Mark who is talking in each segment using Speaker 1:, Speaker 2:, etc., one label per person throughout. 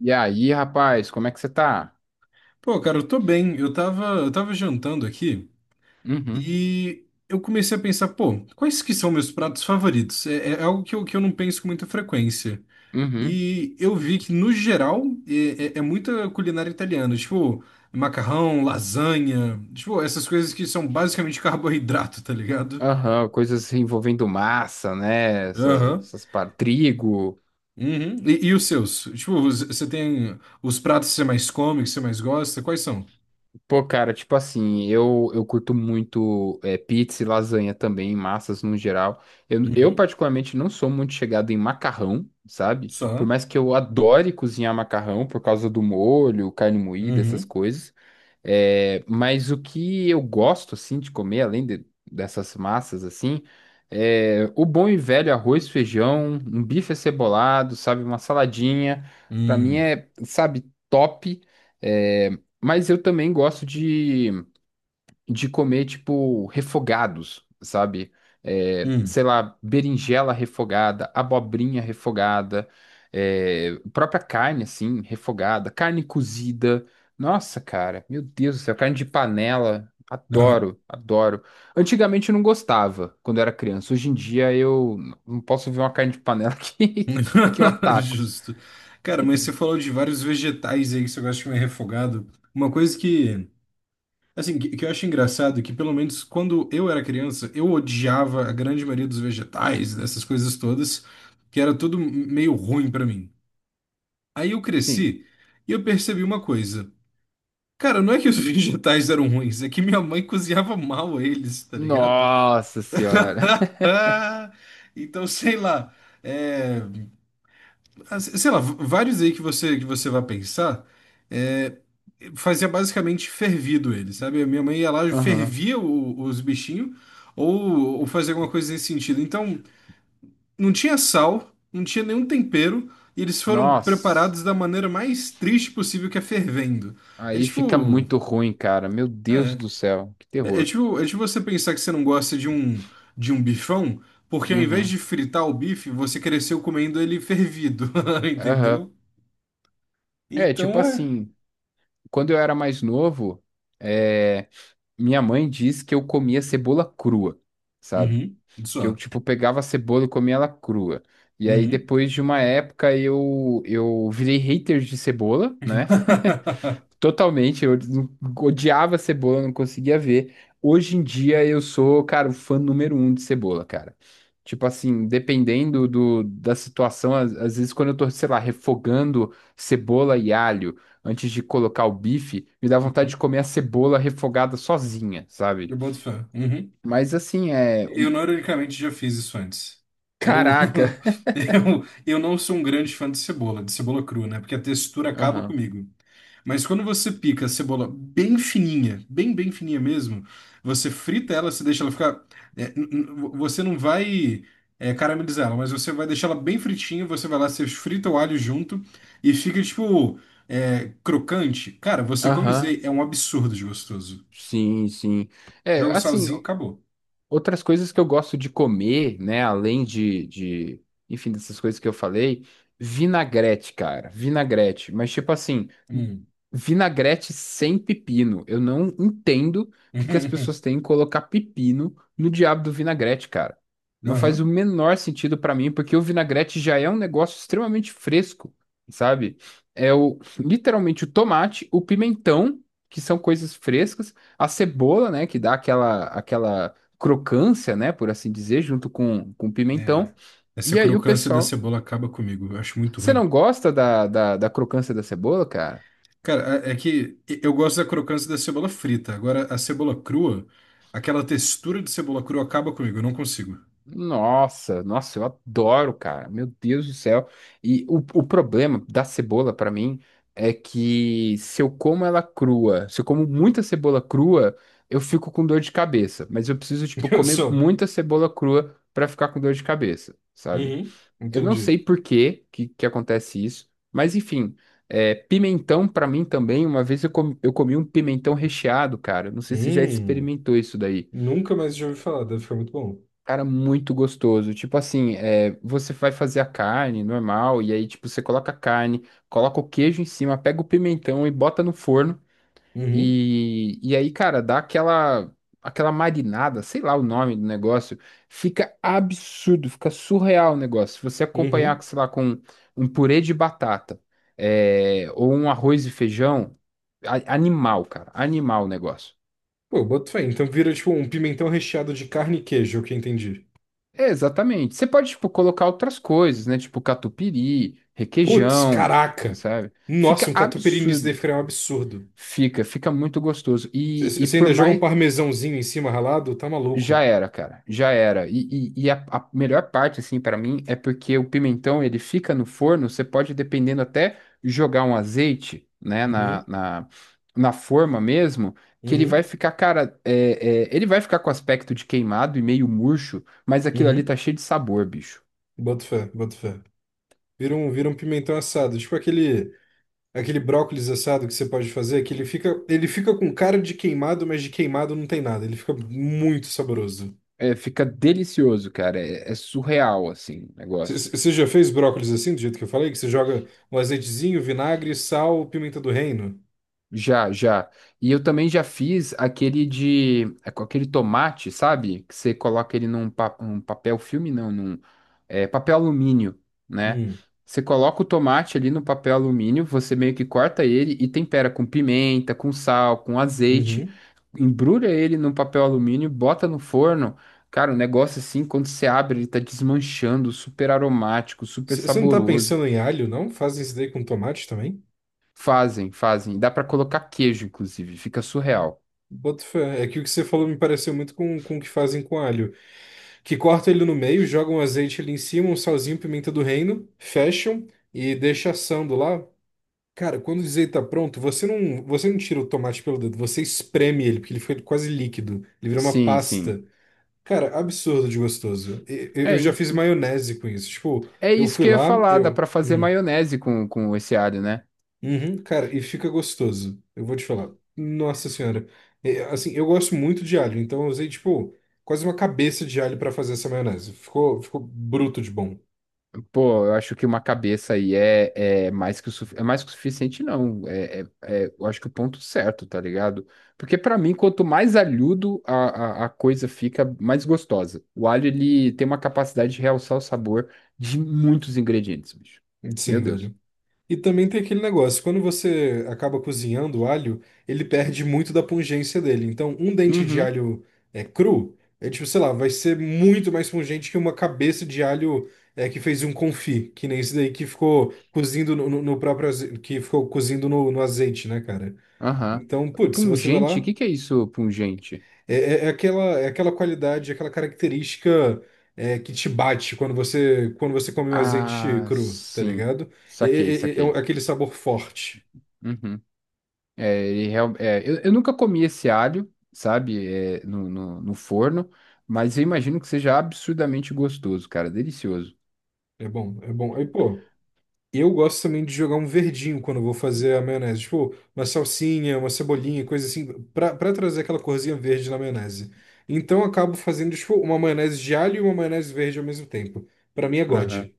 Speaker 1: E aí, rapaz, como é que você tá?
Speaker 2: Pô, cara, eu tô bem. Eu tava jantando aqui
Speaker 1: Uhum.
Speaker 2: e eu comecei a pensar, pô, quais que são meus pratos favoritos? É algo que eu não penso com muita frequência.
Speaker 1: Uhum.
Speaker 2: E eu vi que, no geral, é muita culinária italiana. Tipo, macarrão, lasanha, tipo, essas coisas que são basicamente carboidrato, tá ligado?
Speaker 1: Aham, coisas envolvendo massa, né? Essas,
Speaker 2: Aham.
Speaker 1: essas par- trigo.
Speaker 2: Uhum. E os seus? Tipo, você tem os pratos que você mais come, que você mais gosta? Quais são?
Speaker 1: Pô, cara, tipo assim, eu curto muito pizza e lasanha também, massas no geral. Eu,
Speaker 2: Uhum.
Speaker 1: particularmente, não sou muito chegado em macarrão, sabe? Por
Speaker 2: Só.
Speaker 1: mais que eu adore cozinhar macarrão por causa do molho, carne moída, essas
Speaker 2: Uhum.
Speaker 1: coisas. É, mas o que eu gosto, assim, de comer, dessas massas, assim, é o bom e velho arroz, feijão, um bife acebolado, sabe? Uma saladinha. Pra mim
Speaker 2: Hum.
Speaker 1: é, sabe, top. eh, mas eu também gosto de comer, tipo, refogados, sabe? É,
Speaker 2: Hum.
Speaker 1: sei lá, berinjela refogada, abobrinha refogada, é, própria carne, assim, refogada, carne cozida. Nossa, cara, meu Deus do céu, carne de panela.
Speaker 2: Aham.
Speaker 1: Adoro, adoro. Antigamente eu não gostava quando eu era criança. Hoje em dia eu não posso ver uma carne de panela que eu ataco.
Speaker 2: Justo. Cara, mas você falou de vários vegetais aí que você gosta de comer refogado. Uma coisa que, assim, que eu acho engraçado, é que pelo menos quando eu era criança, eu odiava a grande maioria dos vegetais, dessas coisas todas, que era tudo meio ruim pra mim. Aí eu
Speaker 1: Sim.
Speaker 2: cresci e eu percebi uma coisa. Cara, não é que os vegetais eram ruins, é que minha mãe cozinhava mal eles, tá ligado?
Speaker 1: Nossa senhora.
Speaker 2: Então, sei lá. É, Sei lá, vários aí que você vai pensar, é, fazia basicamente fervido ele, sabe? A minha mãe ia lá e
Speaker 1: Aham.
Speaker 2: fervia os bichinhos, ou fazia alguma coisa nesse sentido. Então, não tinha sal, não tinha nenhum tempero, e eles foram
Speaker 1: Nossa.
Speaker 2: preparados da maneira mais triste possível, que é fervendo. É
Speaker 1: Aí fica
Speaker 2: tipo.
Speaker 1: muito ruim, cara. Meu Deus do
Speaker 2: É,
Speaker 1: céu, que
Speaker 2: é, é
Speaker 1: terror.
Speaker 2: tipo, é tipo você pensar que você não gosta de um bifão, porque ao invés
Speaker 1: Uhum.
Speaker 2: de fritar o bife, você cresceu comendo ele fervido,
Speaker 1: Aham.
Speaker 2: entendeu?
Speaker 1: É, tipo
Speaker 2: Então é.
Speaker 1: assim, quando eu era mais novo, é, minha mãe diz que eu comia cebola crua, sabe?
Speaker 2: Uhum. Isso.
Speaker 1: Que eu, tipo,
Speaker 2: É.
Speaker 1: pegava a cebola e comia ela crua. E aí,
Speaker 2: Uhum.
Speaker 1: depois de uma época, eu virei hater de cebola, né? Totalmente, eu não- odiava cebola, não conseguia ver. Hoje em dia eu sou, cara, o fã número um de cebola, cara. Tipo assim, dependendo da situação, às vezes quando eu tô, sei lá, refogando cebola e alho antes de colocar o bife, me dá vontade de
Speaker 2: Uhum.
Speaker 1: comer a cebola refogada sozinha,
Speaker 2: Eu
Speaker 1: sabe?
Speaker 2: boto fé. Uhum.
Speaker 1: Mas assim,
Speaker 2: Eu, não ironicamente, já fiz isso antes. Eu,
Speaker 1: Caraca!
Speaker 2: eu não sou um grande fã de cebola crua, né? Porque a textura acaba
Speaker 1: Aham.
Speaker 2: comigo. Mas quando você pica a cebola bem fininha, bem fininha mesmo, você frita ela, você deixa ela ficar. Você não vai caramelizar ela, mas você vai deixar ela bem fritinha, você vai lá, você frita o alho junto e fica, tipo, crocante. Cara, você come isso
Speaker 1: Aham.
Speaker 2: aí, é um absurdo de gostoso.
Speaker 1: Sim, sim. É,
Speaker 2: Joga um
Speaker 1: assim.
Speaker 2: salzinho e acabou.
Speaker 1: Outras coisas que eu gosto de comer, né, enfim, dessas coisas que eu falei, vinagrete, cara, vinagrete, mas tipo assim,
Speaker 2: Hum.
Speaker 1: vinagrete sem pepino. Eu não entendo o que que as pessoas têm em colocar pepino no diabo do vinagrete, cara. Não faz o
Speaker 2: Aham.
Speaker 1: menor sentido pra mim, porque o vinagrete já é um negócio extremamente fresco, sabe? É literalmente o tomate, o pimentão, que são coisas frescas, a cebola, né, que dá aquela crocância, né, por assim dizer, junto com
Speaker 2: É,
Speaker 1: pimentão.
Speaker 2: essa
Speaker 1: E aí o
Speaker 2: crocância da
Speaker 1: pessoal.
Speaker 2: cebola acaba comigo, eu acho muito
Speaker 1: Você
Speaker 2: ruim.
Speaker 1: não gosta da crocância da cebola, cara?
Speaker 2: Cara, é que eu gosto da crocância da cebola frita, agora a cebola crua, aquela textura de cebola crua acaba comigo, eu não consigo.
Speaker 1: Nossa, nossa, eu adoro, cara. Meu Deus do céu. E o problema da cebola pra mim é que se eu como ela crua, se eu como muita cebola crua, eu fico com dor de cabeça. Mas eu preciso, tipo,
Speaker 2: Eu
Speaker 1: comer
Speaker 2: sou.
Speaker 1: muita cebola crua pra ficar com dor de cabeça, sabe?
Speaker 2: Uhum,
Speaker 1: Eu não
Speaker 2: entendi.
Speaker 1: sei por que acontece isso, mas enfim, é, pimentão pra mim também, uma vez eu comi um pimentão recheado, cara. Não sei se você já
Speaker 2: Hum,
Speaker 1: experimentou isso daí.
Speaker 2: nunca mais já ouvi falar, deve ficar muito bom.
Speaker 1: Cara, muito gostoso. Tipo assim, é, você vai fazer a carne normal, e aí, tipo, você coloca a carne, coloca o queijo em cima, pega o pimentão e bota no forno.
Speaker 2: Uhum,
Speaker 1: E aí, cara, dá aquela, aquela marinada, sei lá o nome do negócio, fica absurdo, fica surreal o negócio. Se você
Speaker 2: uhum.
Speaker 1: acompanhar, sei lá, com um purê de batata, é, ou um arroz e feijão, a- animal, cara, animal o negócio.
Speaker 2: Pô, boto fé. Então vira tipo um pimentão recheado de carne e queijo, é o que eu entendi.
Speaker 1: É, exatamente. Você pode, tipo, colocar outras coisas, né? Tipo catupiry,
Speaker 2: Putz,
Speaker 1: requeijão,
Speaker 2: caraca!
Speaker 1: sabe?
Speaker 2: Nossa,
Speaker 1: Fica
Speaker 2: um catupiry nisso deve
Speaker 1: absurdo.
Speaker 2: ficar um absurdo.
Speaker 1: Fica, fica muito gostoso. E
Speaker 2: Você
Speaker 1: por
Speaker 2: ainda joga um
Speaker 1: mais.
Speaker 2: parmesãozinho em cima ralado? Tá
Speaker 1: Já
Speaker 2: maluco.
Speaker 1: era, cara, já era. E a melhor parte, assim, pra mim, é porque o pimentão, ele fica no forno, você pode, dependendo, até jogar um azeite, né,
Speaker 2: Uhum,
Speaker 1: na forma mesmo, que ele vai
Speaker 2: uhum,
Speaker 1: ficar, cara, é, é, ele vai ficar com aspecto de queimado e meio murcho, mas aquilo ali
Speaker 2: uhum.
Speaker 1: tá cheio de sabor, bicho.
Speaker 2: Boto fé, boto fé. Vira um pimentão assado, tipo aquele brócolis assado que você pode fazer, que ele fica com cara de queimado, mas de queimado não tem nada. Ele fica muito saboroso.
Speaker 1: É, fica delicioso, cara, é, é surreal, assim, o negócio.
Speaker 2: Você já fez brócolis assim, do jeito que eu falei? Que você joga um azeitezinho, vinagre, sal, pimenta do reino?
Speaker 1: Já, já. E eu também já fiz aquele de, é com aquele tomate, sabe? Que você coloca ele um papel filme, não, num, é, papel alumínio, né?
Speaker 2: Hum,
Speaker 1: Você coloca o tomate ali no papel alumínio, você meio que corta ele e tempera com pimenta, com sal, com azeite,
Speaker 2: uhum.
Speaker 1: embrulha ele num papel alumínio, bota no forno. Cara, o negócio assim, quando você abre, ele tá desmanchando, super aromático, super
Speaker 2: Você não tá
Speaker 1: saboroso.
Speaker 2: pensando em alho, não? Fazem isso daí com tomate também?
Speaker 1: Fazem, fazem. Dá pra colocar queijo, inclusive, fica surreal.
Speaker 2: Boto fé. É que o que você falou me pareceu muito com o que fazem com alho. Que corta ele no meio, joga um azeite ali em cima, um salzinho, pimenta do reino, fecham e deixa assando lá. Cara, quando o azeite tá pronto, você não tira o tomate pelo dedo, você espreme ele, porque ele fica quase líquido. Ele vira uma
Speaker 1: Sim, sim.
Speaker 2: pasta. Cara, absurdo de gostoso. Eu
Speaker 1: É,
Speaker 2: já
Speaker 1: hein?
Speaker 2: fiz maionese com isso. Tipo,
Speaker 1: É
Speaker 2: eu
Speaker 1: isso
Speaker 2: fui
Speaker 1: que eu ia
Speaker 2: lá,
Speaker 1: falar, dá
Speaker 2: eu.
Speaker 1: pra fazer maionese com esse alho, né?
Speaker 2: Uhum, cara, e fica gostoso. Eu vou te falar. Nossa senhora. É, assim, eu gosto muito de alho, então eu usei, tipo, quase uma cabeça de alho pra fazer essa maionese. Ficou bruto de bom.
Speaker 1: Pô, eu acho que uma cabeça aí é, é mais que o é mais que o suficiente, não. É, eu acho que o ponto certo, tá ligado? Porque pra mim, quanto mais alhudo a coisa fica, mais gostosa. O alho, ele tem uma capacidade de realçar o sabor de muitos ingredientes, bicho. Meu
Speaker 2: Sim,
Speaker 1: Deus.
Speaker 2: velho. E também tem aquele negócio, quando você acaba cozinhando o alho, ele perde muito da pungência dele. Então, um dente de
Speaker 1: Uhum.
Speaker 2: alho é cru, é tipo, sei lá, vai ser muito mais pungente que uma cabeça de alho que fez um confit, que nem esse daí que ficou cozindo no próprio azeite, que ficou cozindo no azeite, né, cara?
Speaker 1: Aham.
Speaker 2: Então, putz, se você vai
Speaker 1: Pungente, o
Speaker 2: lá,
Speaker 1: que que é isso, pungente?
Speaker 2: é aquela qualidade, aquela característica que te bate quando você come o azeite
Speaker 1: Ah,
Speaker 2: cru, tá
Speaker 1: sim.
Speaker 2: ligado? É,
Speaker 1: Saquei,
Speaker 2: é- é- é um- é
Speaker 1: saquei.
Speaker 2: aquele sabor forte.
Speaker 1: Uhum. É, ele real, é, eu nunca comi esse alho, sabe, é, no forno, mas eu imagino que seja absurdamente gostoso, cara, delicioso.
Speaker 2: É bom, é bom. Aí, pô, eu gosto também de jogar um verdinho quando eu vou fazer a maionese. Tipo, uma salsinha, uma cebolinha, coisa assim, pra trazer aquela corzinha verde na maionese. Então, eu acabo fazendo, tipo, uma maionese de alho e uma maionese verde ao mesmo tempo. Pra mim é
Speaker 1: Aham.
Speaker 2: God.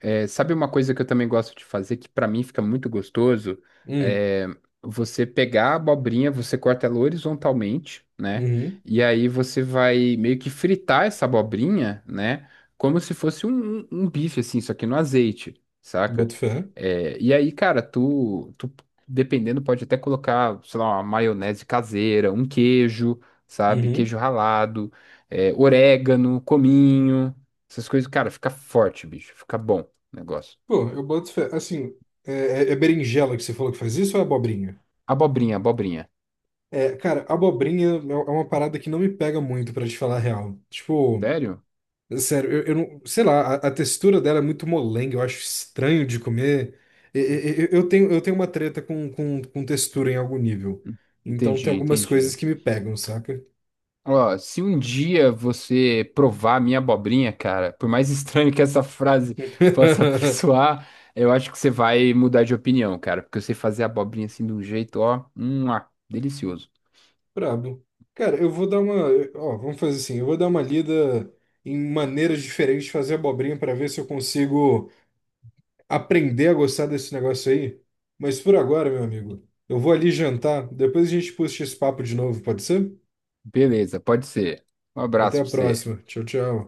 Speaker 1: É, sabe uma coisa que eu também gosto de fazer, que pra mim fica muito gostoso?
Speaker 2: Hum,
Speaker 1: É você pegar a abobrinha, você corta ela horizontalmente, né?
Speaker 2: uhum,
Speaker 1: E aí você vai meio que fritar essa abobrinha, né? Como se fosse um, um bife, assim, só que no azeite, saca?
Speaker 2: boto fé.
Speaker 1: É, e aí, cara, tu, tu, dependendo, pode até colocar, sei lá, uma maionese caseira, um queijo, sabe?
Speaker 2: Uhum.
Speaker 1: Queijo ralado, é, orégano, cominho. Essas coisas, cara, fica forte, bicho, fica bom negócio.
Speaker 2: Pô, eu boto fé. Assim, é, é berinjela que você falou que faz isso ou é abobrinha?
Speaker 1: Abobrinha, abobrinha.
Speaker 2: É, cara, abobrinha é uma parada que não me pega muito, pra te falar a real. Tipo,
Speaker 1: Sério?
Speaker 2: sério, eu não. Sei lá, a textura dela é muito molenga, eu acho estranho de comer. Eu tenho uma treta com textura em algum nível. Então
Speaker 1: Entendi,
Speaker 2: tem algumas
Speaker 1: entendi.
Speaker 2: coisas que me pegam, saca?
Speaker 1: Ó, se um dia você provar a minha abobrinha, cara, por mais estranho que essa frase possa soar, eu acho que você vai mudar de opinião, cara, porque eu sei fazer a abobrinha assim de um jeito, ó, ah, delicioso.
Speaker 2: Brabo. Cara, eu vou dar uma. Ó, vamos fazer assim, eu vou dar uma lida em maneiras diferentes de fazer abobrinha pra ver se eu consigo aprender a gostar desse negócio aí. Mas por agora, meu amigo, eu vou ali jantar. Depois a gente puxa esse papo de novo, pode ser?
Speaker 1: Beleza, pode ser. Um
Speaker 2: Até
Speaker 1: abraço
Speaker 2: a
Speaker 1: pra você.
Speaker 2: próxima. Tchau, tchau.